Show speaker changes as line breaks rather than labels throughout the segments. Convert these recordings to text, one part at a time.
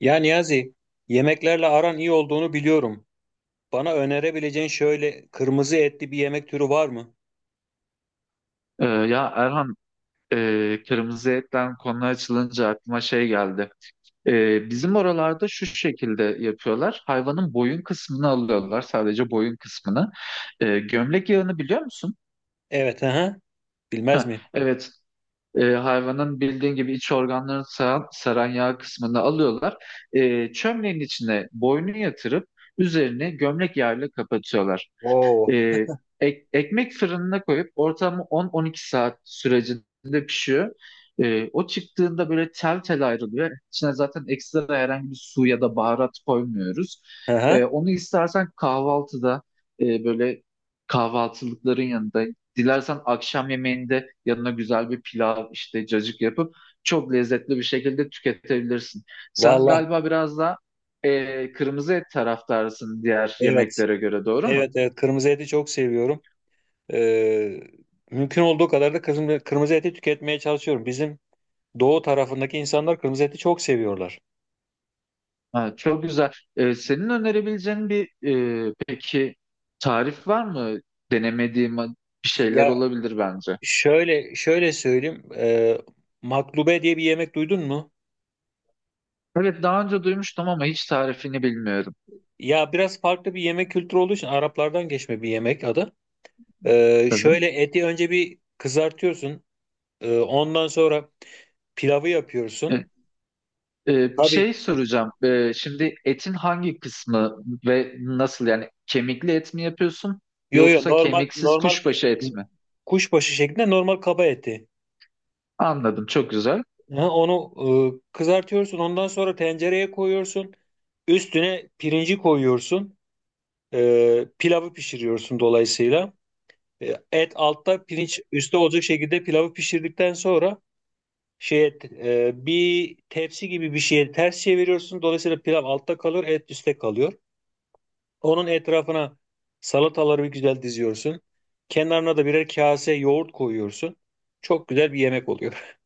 Ya Niyazi, yemeklerle aran iyi olduğunu biliyorum. Bana önerebileceğin şöyle kırmızı etli bir yemek türü var mı?
Ya Erhan, kırmızı etten konu açılınca aklıma şey geldi. Bizim oralarda şu şekilde yapıyorlar. Hayvanın boyun kısmını alıyorlar, sadece boyun kısmını. Gömlek yağını biliyor musun?
Evet, aha. Bilmez
Heh,
mi?
evet. Hayvanın bildiğin gibi iç organlarını saran yağ kısmını alıyorlar. Çömleğin içine boynu yatırıp üzerine gömlek yağıyla kapatıyorlar.
Oo,
Ee, Ekmek fırınına koyup ortamı 10-12 saat sürecinde pişiyor. O çıktığında böyle tel tel ayrılıyor. İçine zaten ekstra herhangi bir su ya da baharat koymuyoruz.
aha.
Onu istersen kahvaltıda böyle kahvaltılıkların yanında, dilersen akşam yemeğinde yanına güzel bir pilav işte cacık yapıp çok lezzetli bir şekilde tüketebilirsin. Sen
Vallahi
galiba biraz daha kırmızı et taraftarısın diğer
evet.
yemeklere göre, doğru mu?
Evet, evet. Kırmızı eti çok seviyorum. Ee, Mümkün olduğu kadar da kırmızı eti tüketmeye çalışıyorum. Bizim doğu tarafındaki insanlar kırmızı eti çok seviyorlar.
Ha, çok güzel. Senin önerebileceğin bir peki tarif var mı? Denemediğim bir şeyler
Ya
olabilir bence.
şöyle şöyle söyleyeyim. Maklube diye bir yemek duydun mu?
Evet daha önce duymuştum ama hiç tarifini bilmiyorum.
Ya biraz farklı bir yemek kültürü olduğu için Araplardan geçme bir yemek adı.
Tabii.
Şöyle eti önce bir kızartıyorsun. Ondan sonra pilavı yapıyorsun.
E, Bir şey
Tabii,
soracağım. Şimdi etin hangi kısmı ve nasıl yani kemikli et mi yapıyorsun
yo yo,
yoksa
normal
kemiksiz
normal
kuşbaşı et mi?
kuşbaşı şeklinde normal kaba eti.
Anladım. Çok güzel.
Ha, onu kızartıyorsun. Ondan sonra tencereye koyuyorsun. Üstüne pirinci koyuyorsun. Pilavı pişiriyorsun dolayısıyla. Et altta pirinç üstte olacak şekilde pilavı pişirdikten sonra şey et, bir tepsi gibi bir şeye ters çeviriyorsun. Dolayısıyla pilav altta kalır, et üstte kalıyor. Onun etrafına salataları bir güzel diziyorsun. Kenarına da birer kase yoğurt koyuyorsun. Çok güzel bir yemek oluyor.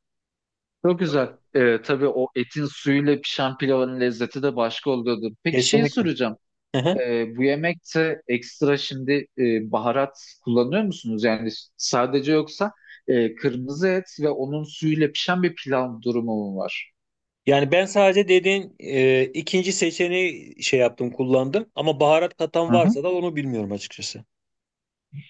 Çok güzel. Tabii o etin suyuyla pişen pilavın lezzeti de başka oluyordur. Peki şey
Kesinlikle.
soracağım.
Hı hı.
Bu yemekte ekstra şimdi baharat kullanıyor musunuz? Yani sadece yoksa kırmızı et ve onun suyuyla pişen bir pilav durumu mu var?
Yani ben sadece dediğin ikinci seçeneği şey yaptım, kullandım. Ama baharat katan
Hı hı.
varsa da onu bilmiyorum açıkçası.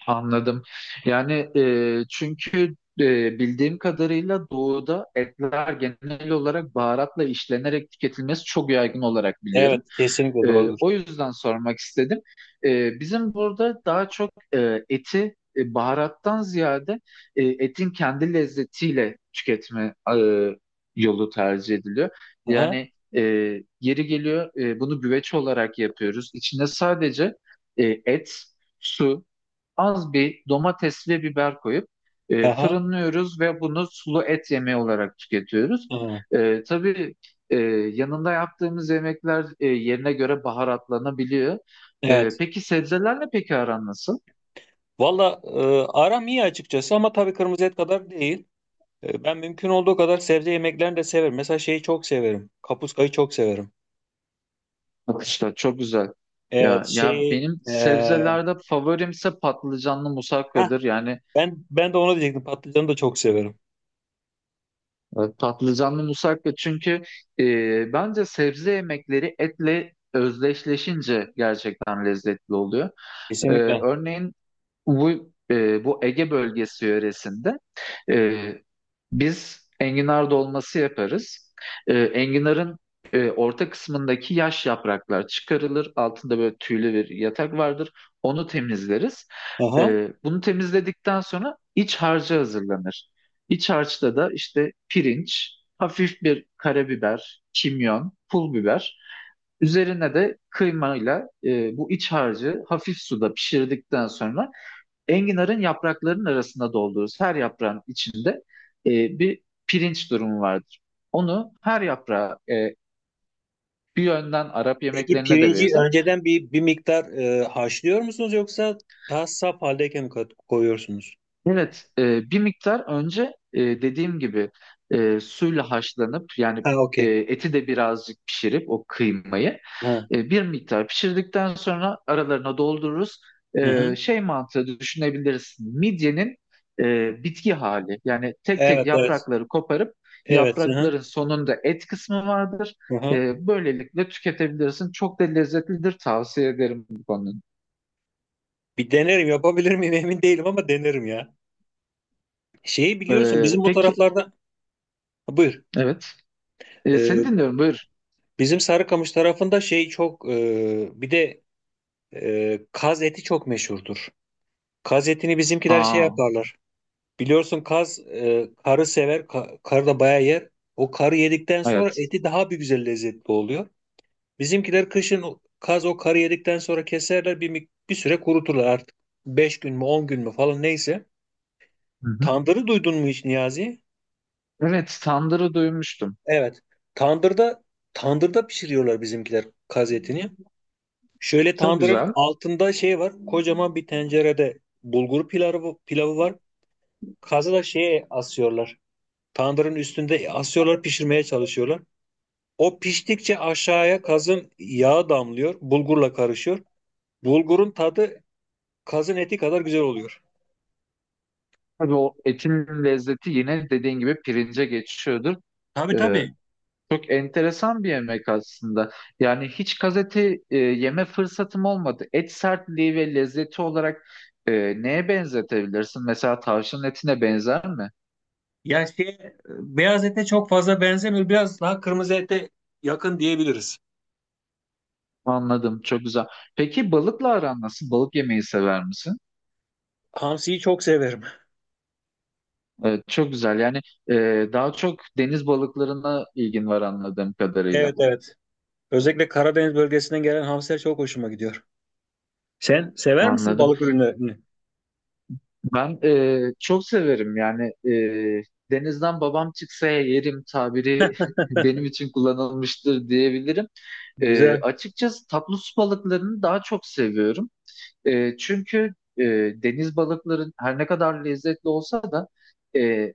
Anladım. Yani çünkü bildiğim kadarıyla doğuda etler genel olarak baharatla işlenerek tüketilmesi çok yaygın olarak biliyorum.
Evet, kesinlikle doğrudur.
O yüzden sormak istedim. Bizim burada daha çok eti baharattan ziyade etin kendi lezzetiyle tüketme yolu tercih ediliyor.
Aha,
Yani e, yeri geliyor bunu güveç olarak yapıyoruz. İçine sadece et, su az bir domates ve biber koyup
aha,
fırınlıyoruz ve bunu sulu et yemeği olarak tüketiyoruz.
aha.
Tabii e, yanında yaptığımız yemekler yerine göre baharatlanabiliyor.
Evet.
Peki sebzelerle peki aran nasıl?
Valla aram iyi açıkçası ama tabii kırmızı et kadar değil. Ben mümkün olduğu kadar sebze yemeklerini de severim. Mesela şeyi çok severim. Kapuskayı çok severim.
Bak işte çok güzel.
Evet
Ya, ya
şey,
benim sebzelerde favorimse patlıcanlı
heh,
musakkadır. Yani
ben de onu diyecektim. Patlıcanı da çok severim.
patlıcanlı musakka çünkü e, bence sebze yemekleri etle özdeşleşince gerçekten lezzetli oluyor. Ee,
Kesinlikle.
Örneğin bu Ege bölgesi yöresinde e, biz enginar dolması yaparız. Enginarın orta kısmındaki yaş yapraklar çıkarılır. Altında böyle tüylü bir yatak vardır. Onu temizleriz.
Aha.
Bunu temizledikten sonra iç harcı hazırlanır. İç harçta da işte pirinç, hafif bir karabiber, kimyon, pul biber. Üzerine de kıymayla bu iç harcı hafif suda pişirdikten sonra enginarın yapraklarının arasında doldururuz. Her yaprağın içinde e, bir pirinç durumu vardır. Onu her yaprağa bir yönden Arap
Peki
yemeklerine de
pirinci
benzer.
önceden bir miktar haşlıyor musunuz yoksa daha saf haldeyken mi koyuyorsunuz?
Evet, bir miktar önce dediğim gibi suyla haşlanıp yani
Ha, okey.
eti de birazcık pişirip o kıymayı
Ha.
bir miktar pişirdikten sonra aralarına doldururuz.
Hı-hı.
Şey mantığı düşünebiliriz. Midyenin bitki hali yani tek tek
Evet evet.
yaprakları koparıp
Evet. Hı-hı.
yaprakların sonunda et kısmı vardır.
Hı-hı.
Böylelikle tüketebilirsin. Çok da lezzetlidir. Tavsiye ederim bu konunun.
Bir denerim, yapabilir miyim emin değilim ama denerim ya. Şeyi biliyorsun bizim bu
Peki,
taraflarda. Ha, buyur.
evet. Seni
E,
dinliyorum. Buyur.
Bizim Sarıkamış tarafında şey çok, bir de kaz eti çok meşhurdur. Kaz etini bizimkiler şey
Aa.
yaparlar. Biliyorsun kaz, karı sever. Karı da bayağı yer. O karı yedikten sonra
Evet.
eti daha bir güzel lezzetli oluyor. Bizimkiler kışın kaz o karı yedikten sonra keserler, bir süre kuruturlar artık. 5 gün mü 10 gün mü falan neyse.
Hı hı.
Tandırı duydun mu hiç Niyazi?
Evet, tandırı duymuştum.
Evet. Tandırda pişiriyorlar bizimkiler kaz etini. Şöyle
Çok
tandırın
güzel.
altında şey var. Kocaman bir tencerede bulgur pilavı var. Kazı da şeye asıyorlar. Tandırın üstünde asıyorlar, pişirmeye çalışıyorlar. O piştikçe aşağıya kazın yağı damlıyor, bulgurla karışıyor. Bulgurun tadı kazın eti kadar güzel oluyor.
Tabii o etin lezzeti yine dediğin gibi pirince geçiyordur.
Tabii
Ee,
tabii.
Çok enteresan bir yemek aslında. Yani hiç gazete yeme fırsatım olmadı. Et sertliği ve lezzeti olarak e, neye benzetebilirsin? Mesela tavşanın etine benzer mi?
Ya şey, beyaz ete çok fazla benzemiyor. Biraz daha kırmızı ete yakın diyebiliriz.
Anladım, çok güzel. Peki balıkla aran nasıl? Balık yemeyi sever misin?
Hamsiyi çok severim.
Çok güzel. Yani daha çok deniz balıklarına ilgin var anladığım kadarıyla.
Evet evet. Özellikle Karadeniz bölgesinden gelen hamsiler çok hoşuma gidiyor. Sen sever misin
Anladım.
balık ürünlerini?
Ben çok severim. Yani denizden babam çıksa yerim tabiri benim için kullanılmıştır diyebilirim.
Güzel.
Açıkçası tatlı su balıklarını daha çok seviyorum. Çünkü deniz balıkların her ne kadar lezzetli olsa da e,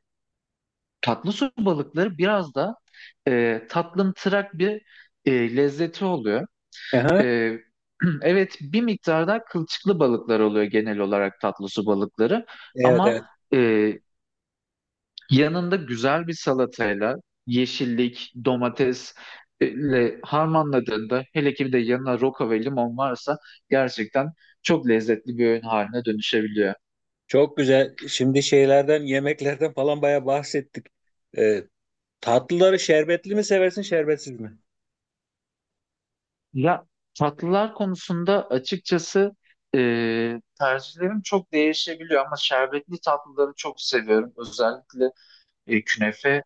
tatlı su balıkları biraz da tatlımtırak bir lezzeti oluyor.
Aha.
E, evet bir miktar da kılçıklı balıklar oluyor genel olarak tatlı su balıkları
Evet evet.
ama e, yanında güzel bir salatayla yeşillik, domatesle harmanladığında hele ki bir de yanına roka ve limon varsa gerçekten çok lezzetli bir öğün haline dönüşebiliyor.
Çok güzel. Şimdi şeylerden, yemeklerden falan bayağı bahsettik. Ee, Tatlıları şerbetli mi seversin, şerbetsiz mi?
Ya tatlılar konusunda açıkçası tercihlerim çok değişebiliyor ama şerbetli tatlıları çok seviyorum. Özellikle künefe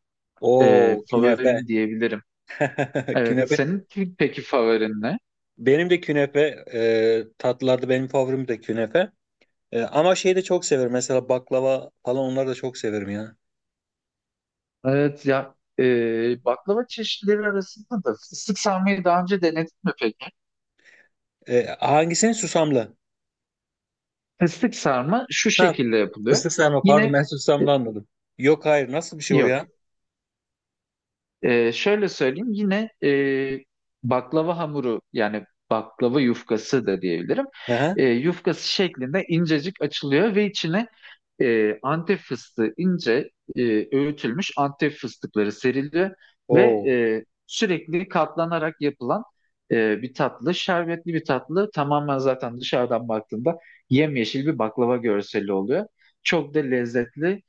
Oo, künefe.
favorim diyebilirim. Evet,
Künefe.
senin peki favorin ne?
Benim de künefe. Tatlılarda benim favorim de künefe. E, ama şeyi de çok severim. Mesela baklava falan, onları da çok severim ya.
Evet ya baklava çeşitleri arasında da fıstık sarmayı daha önce denedin mi peki?
E, hangisini? Susamlı.
Fıstık sarma şu
Ha,
şekilde yapılıyor.
fıstık sarma. Pardon,
Yine
ben
e,
susamlı anladım. Yok, hayır. Nasıl bir şey o
yok
ya?
Şöyle söyleyeyim yine baklava hamuru yani baklava yufkası da diyebilirim.
Aha.
Yufkası şeklinde incecik açılıyor ve içine Antep fıstığı ince öğütülmüş Antep fıstıkları seriliyor ve
Oo.
sürekli katlanarak yapılan bir tatlı, şerbetli bir tatlı. Tamamen zaten dışarıdan baktığında yemyeşil bir baklava görseli oluyor. Çok da lezzetli.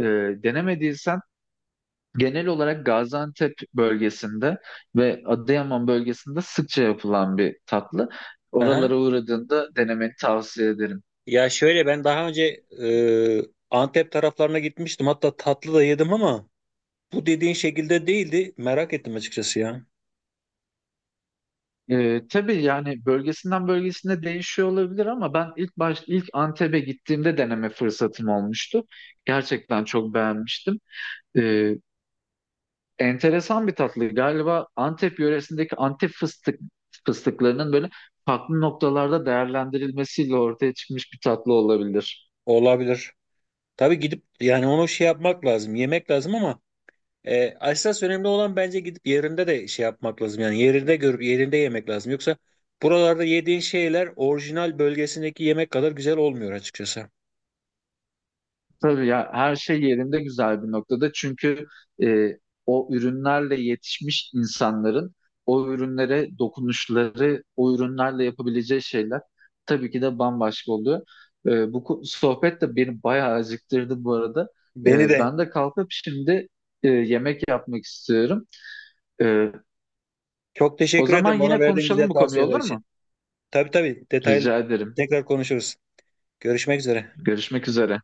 E, Denemediysen genel olarak Gaziantep bölgesinde ve Adıyaman bölgesinde sıkça yapılan bir tatlı.
Aha.
Oralara uğradığında denemeni tavsiye ederim.
Ya şöyle, ben daha önce e, Antep taraflarına gitmiştim. Hatta tatlı da yedim ama bu dediğin şekilde değildi. Merak ettim açıkçası ya.
Tabii yani bölgesinden bölgesine değişiyor olabilir ama ben ilk Antep'e gittiğimde deneme fırsatım olmuştu. Gerçekten çok beğenmiştim. Ee, Enteresan bir tatlı. Galiba Antep yöresindeki Antep fıstıklarının böyle farklı noktalarda değerlendirilmesiyle ortaya çıkmış bir tatlı olabilir.
Olabilir. Tabii gidip yani onu şey yapmak lazım, yemek lazım ama esas önemli olan bence gidip yerinde de şey yapmak lazım. Yani yerinde görüp yerinde yemek lazım. Yoksa buralarda yediğin şeyler orijinal bölgesindeki yemek kadar güzel olmuyor açıkçası.
Tabii ya her şey yerinde güzel bir noktada. Çünkü e, o ürünlerle yetişmiş insanların o ürünlere dokunuşları, o ürünlerle yapabileceği şeyler tabii ki de bambaşka oluyor. Bu sohbet de beni bayağı acıktırdı bu arada.
Beni de.
Ben de kalkıp şimdi yemek yapmak istiyorum. E,
Çok
O
teşekkür
zaman
ederim bana
yine
verdiğin güzel
konuşalım bu konuyu
tavsiyeler
olur
için.
mu?
Tabii tabii, detaylı
Rica ederim.
tekrar konuşuruz. Görüşmek üzere.
Görüşmek üzere.